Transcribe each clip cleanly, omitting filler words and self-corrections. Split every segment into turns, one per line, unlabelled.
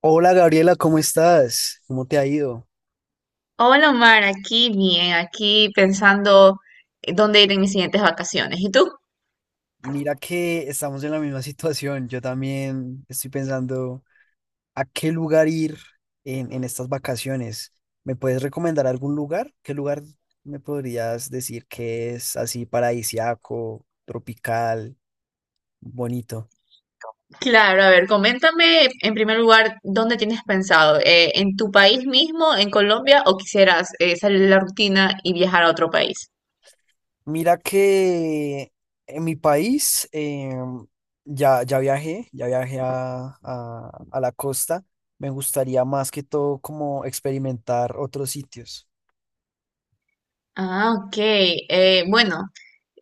Hola Gabriela, ¿cómo estás? ¿Cómo te ha ido?
Hola Omar, aquí bien, aquí pensando dónde ir en mis siguientes vacaciones. ¿Y tú?
Mira que estamos en la misma situación. Yo también estoy pensando a qué lugar ir en estas vacaciones. ¿Me puedes recomendar algún lugar? ¿Qué lugar me podrías decir que es así paradisiaco, tropical, bonito?
Claro, a ver, coméntame en primer lugar dónde tienes pensado, en tu país mismo, en Colombia, o quisieras salir de la rutina y viajar a otro país.
Mira que en mi país ya viajé a la costa. Me gustaría más que todo como experimentar otros sitios.
Ah, ok. Bueno,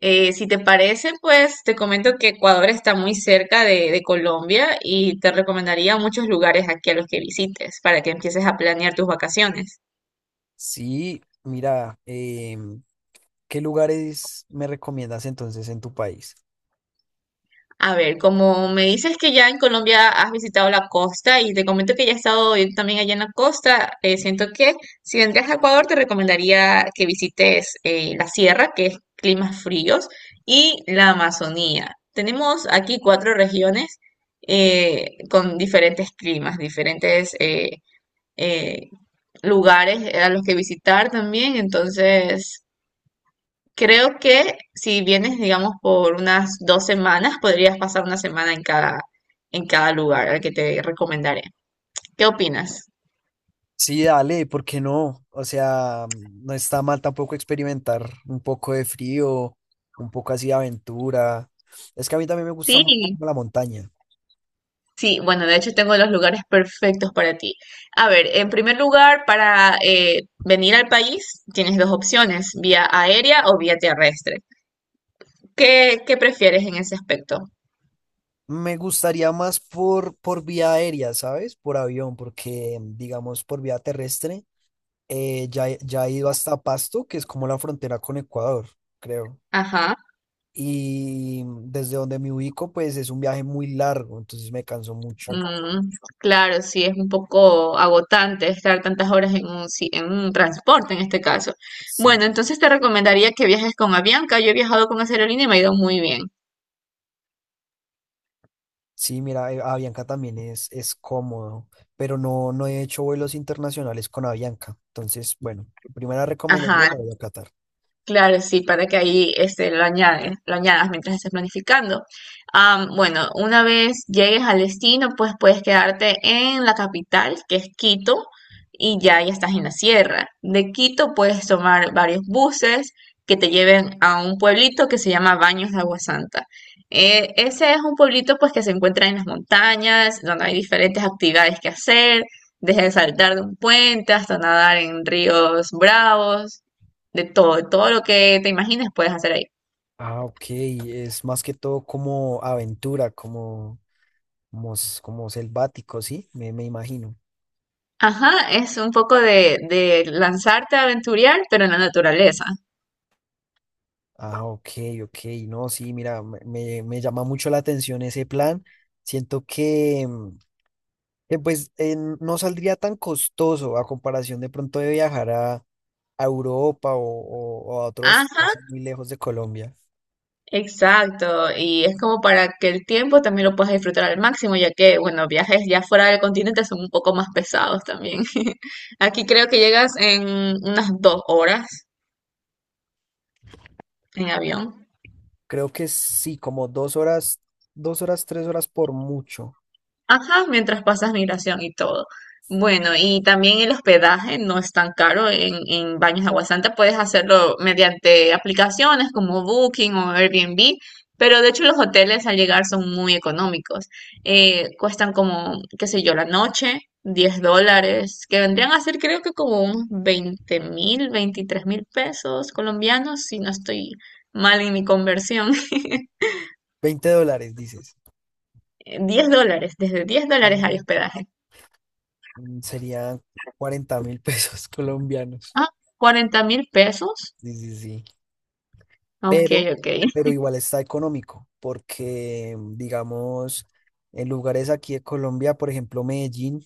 si te parece, pues te comento que Ecuador está muy cerca de Colombia y te recomendaría muchos lugares aquí a los que visites para que empieces a planear tus vacaciones.
Sí, mira, ¿qué lugares me recomiendas entonces en tu país?
A ver, como me dices que ya en Colombia has visitado la costa y te comento que ya he estado yo también allá en la costa, siento que si vendrías a Ecuador te recomendaría que visites la sierra, que es climas fríos, y la Amazonía. Tenemos aquí cuatro regiones con diferentes climas, diferentes eh, lugares a los que visitar también. Entonces creo que si vienes, digamos, por unas 2 semanas, podrías pasar una semana en cada lugar al que te recomendaré. ¿Qué opinas?
Sí, dale, ¿por qué no? O sea, no está mal tampoco experimentar un poco de frío, un poco así de aventura. Es que a mí también me gusta mucho
Sí,
la montaña.
sí, bueno, de hecho tengo los lugares perfectos para ti. A ver, en primer lugar, para venir al país tienes 2 opciones, vía aérea o vía terrestre. ¿Qué prefieres en ese aspecto?
Me gustaría más por vía aérea, ¿sabes? Por avión, porque digamos por vía terrestre, ya he ido hasta Pasto, que es como la frontera con Ecuador, creo.
Ajá.
Y desde donde me ubico, pues es un viaje muy largo, entonces me canso mucho.
Mm, claro, sí, es un poco agotante estar tantas horas en un, en un transporte en este caso.
Sí,
Bueno, entonces te recomendaría que viajes con Avianca. Yo he viajado con esa aerolínea y me ha ido muy bien.
sí, mira, Avianca también es cómodo, pero no, no he hecho vuelos internacionales con Avianca. Entonces, bueno, primera recomendación
Ajá,
la voy a Qatar.
claro, sí, para que ahí este, lo añadas mientras estés planificando. Am, bueno, una vez llegues al destino, pues puedes quedarte en la capital, que es Quito, y ya estás en la sierra. De Quito puedes tomar varios buses que te lleven a un pueblito que se llama Baños de Agua Santa. Ese es un pueblito pues que se encuentra en las montañas, donde hay diferentes actividades que hacer, desde saltar de un puente hasta nadar en ríos bravos. De todo lo que te imagines puedes hacer ahí.
Ah, ok, es más que todo como aventura, como selvático, ¿sí? Me imagino.
Ajá, es un poco de lanzarte a aventurear, pero en la naturaleza.
Ah, ok, ok. No, sí, mira, me llama mucho la atención ese plan. Siento que, pues no saldría tan costoso a comparación de pronto de viajar a Europa o a otro destino
Ajá,
así muy lejos de Colombia.
exacto. Y es como para que el tiempo también lo puedas disfrutar al máximo, ya que, bueno, viajes ya fuera del continente son un poco más pesados también. Aquí creo que llegas en unas 2 horas en avión.
Creo que sí, como 2 horas, 2 horas, 3 horas por mucho.
Ajá, mientras pasas migración y todo. Bueno, y también el hospedaje no es tan caro en Baños de Agua Santa. Puedes hacerlo mediante aplicaciones como Booking o Airbnb, pero de hecho los hoteles al llegar son muy económicos. Cuestan como, qué sé yo, la noche, $10, que vendrían a ser creo que como unos 20.000, 23.000 pesos colombianos, si no estoy mal en mi conversión.
$20, dices.
$10, desde 10
Ah,
dólares hay hospedaje.
serían 40 mil pesos colombianos.
Ah, 40.000 pesos.
Sí, sí, sí.
Ok,
pero,
ok.
pero igual está económico, porque digamos, en lugares aquí de Colombia, por ejemplo, Medellín,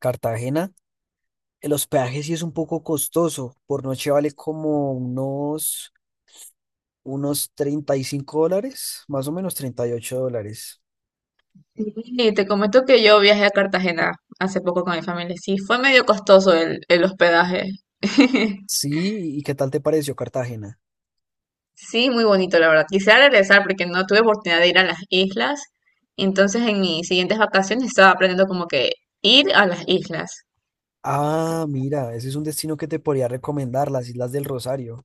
Cartagena, el hospedaje sí es un poco costoso, por noche vale como unos $35, más o menos $38.
Y te comento que yo viajé a Cartagena hace poco con mi familia. Sí, fue medio costoso el hospedaje.
Sí, ¿y qué tal te pareció Cartagena?
Sí, muy bonito, la verdad. Quisiera regresar porque no tuve oportunidad de ir a las islas. Entonces, en mis siguientes vacaciones estaba aprendiendo como que ir a las islas.
Ah, mira, ese es un destino que te podría recomendar, las Islas del Rosario.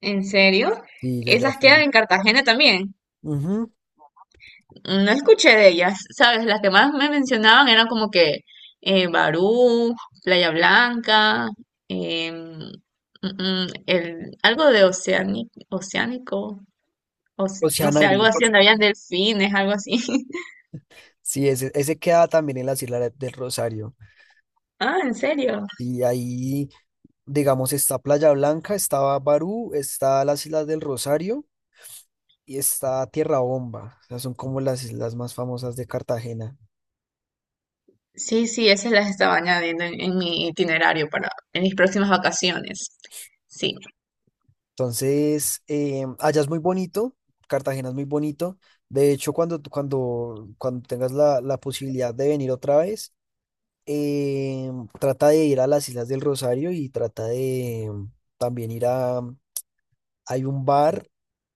¿En serio?
Sí, yo ya
¿Esas quedan
fui.
en Cartagena también?
Ujú,
Mm, no escuché de ellas, ¿sabes? Las que más me mencionaban eran como que Barú, Playa Blanca, em, el, algo de oceánico, no sé, algo
Oceanario.
así, donde habían delfines, algo así.
Sí, ese queda también en las Islas del Rosario.
Ah, ¿en serio?
Y ahí, digamos, está Playa Blanca, está Barú, está las Islas del Rosario y está Tierra Bomba. O sea, son como las islas más famosas de Cartagena.
Sí, sí, esas las estaba añadiendo en mi itinerario para en mis próximas vacaciones. Sí.
Entonces, allá es muy bonito, Cartagena es muy bonito. De hecho, cuando tengas la posibilidad de venir otra vez, eh, trata de ir a las Islas del Rosario y trata de también ir a... Hay un bar,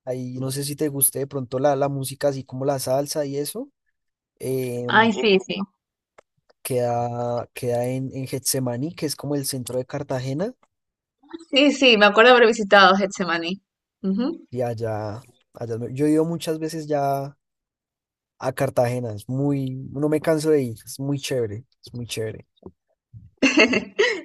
ahí no sé si te guste de pronto la música, así como la salsa y eso. em,
Ay, sí, sí.
queda en Getsemaní, que es como el centro de Cartagena,
Sí, sí, me acuerdo haber visitado Getsemaní. Ujú.
y allá, yo he ido muchas veces ya a Cartagena, no me canso de ir, es muy chévere, es muy chévere.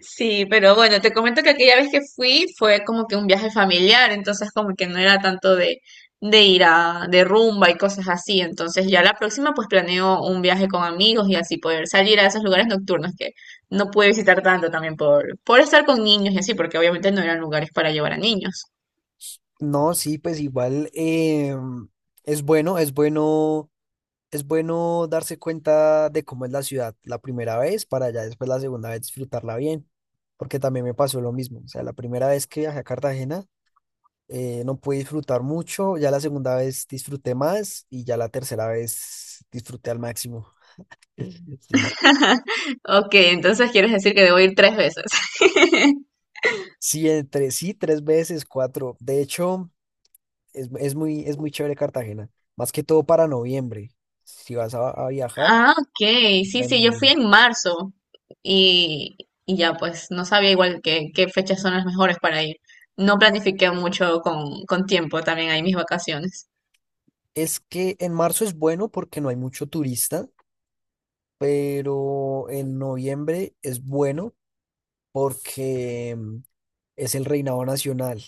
Sí, pero bueno, te comento que aquella vez que fui fue como que un viaje familiar, entonces como que no era tanto de ir a, de rumba y cosas así, entonces ya la próxima pues planeo un viaje con amigos y así poder salir a esos lugares nocturnos que no pude visitar tanto también por estar con niños y así, porque obviamente no eran lugares para llevar a niños.
No, sí, pues igual es bueno, es bueno, es bueno darse cuenta de cómo es la ciudad la primera vez para ya después la segunda vez disfrutarla bien, porque también me pasó lo mismo, o sea, la primera vez que viajé a Cartagena, no pude disfrutar mucho, ya la segunda vez disfruté más y ya la tercera vez disfruté al máximo. Sí.
Ok, entonces quieres decir que debo ir 3 veces.
Sí, entre sí, tres veces, cuatro. De hecho, es muy chévere Cartagena, más que todo para noviembre. Si vas a viajar,
Ah, ok. Sí,
ya en
sí, yo fui
noviembre.
en marzo y, y ya pues no sabía igual qué fechas son las mejores para ir. No planifiqué mucho con tiempo también ahí mis vacaciones.
Es que en marzo es bueno porque no hay mucho turista, pero en noviembre es bueno porque es el reinado nacional.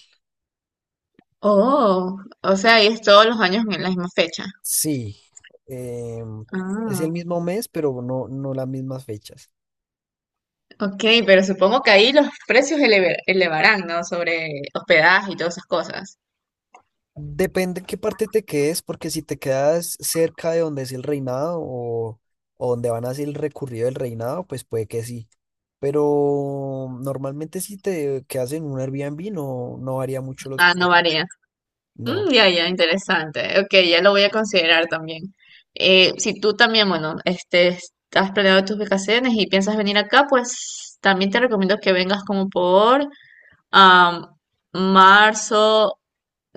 Oh, o sea, ahí es todos los años en la misma fecha.
Sí, em, es
Ah,
el mismo mes, pero no, no las mismas fechas.
ok, pero supongo que ahí los precios elevarán, ¿no? Sobre hospedaje y todas esas cosas.
Depende en qué parte te quedes, porque si te quedas cerca de donde es el reinado o donde van a ser el recurrido del reinado, pues puede que sí. Pero normalmente si te quedas en un Airbnb no, no varía mucho los...
Ah,
pre-
no varía.
No.
Mm, ya, ya, interesante. Ok, ya lo voy a considerar también. Si tú también, bueno, este, has planeado tus vacaciones y piensas venir acá, pues también te recomiendo que vengas como por am, marzo.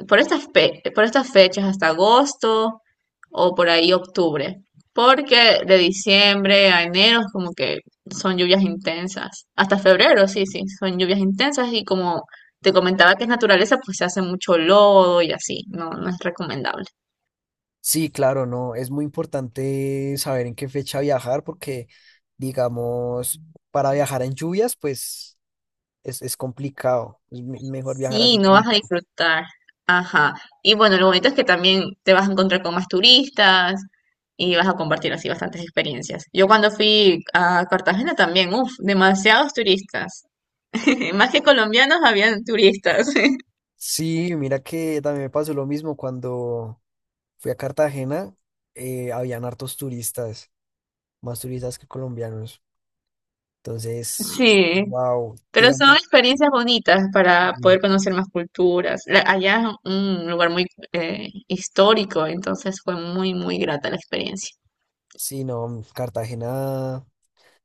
Por estas fechas hasta agosto o por ahí octubre, porque de diciembre a enero es como que son lluvias intensas, hasta febrero, sí, sí, son lluvias intensas y como te comentaba que es naturaleza, pues se hace mucho lodo y así, no, no es recomendable.
Sí, claro, no. Es muy importante saber en qué fecha viajar, porque digamos, para viajar en lluvias, pues es complicado. Mejor viajar
Sí,
así.
no vas a disfrutar. Ajá. Y bueno, lo bonito es que también te vas a encontrar con más turistas y vas a compartir así bastantes experiencias. Yo cuando fui a Cartagena también, uff, demasiados turistas. Más que colombianos, habían turistas.
Sí, mira que también me pasó lo mismo cuando fui a Cartagena, habían hartos turistas, más turistas que colombianos. Entonces,
Sí,
wow,
pero son
digamos,
experiencias bonitas para
mm,
poder conocer más culturas. Allá es un lugar muy histórico, entonces fue muy, muy grata la experiencia.
sí, no, Cartagena,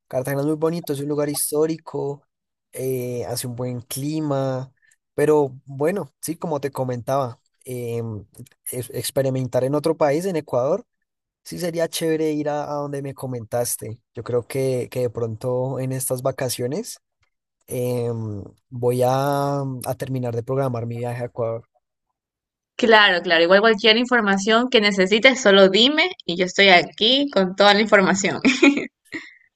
Cartagena es muy bonito, es un lugar histórico, hace un buen clima, pero bueno, sí, como te comentaba, experimentar en otro país, en Ecuador. Sí, sería chévere ir a donde me comentaste. Yo creo que de pronto en estas vacaciones em, voy a terminar de programar mi viaje a Ecuador.
Claro, claro. Igual cualquier información que necesites, solo dime y yo estoy aquí con toda la información.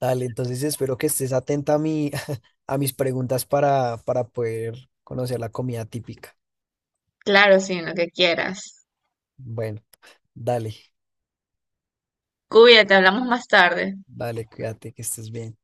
Dale, entonces espero que estés atenta a mi, a mis preguntas para poder conocer la comida típica.
Claro, sí, lo que quieras.
Bueno, dale,
Cuídate, hablamos más tarde.
dale, cuídate, que estés bien.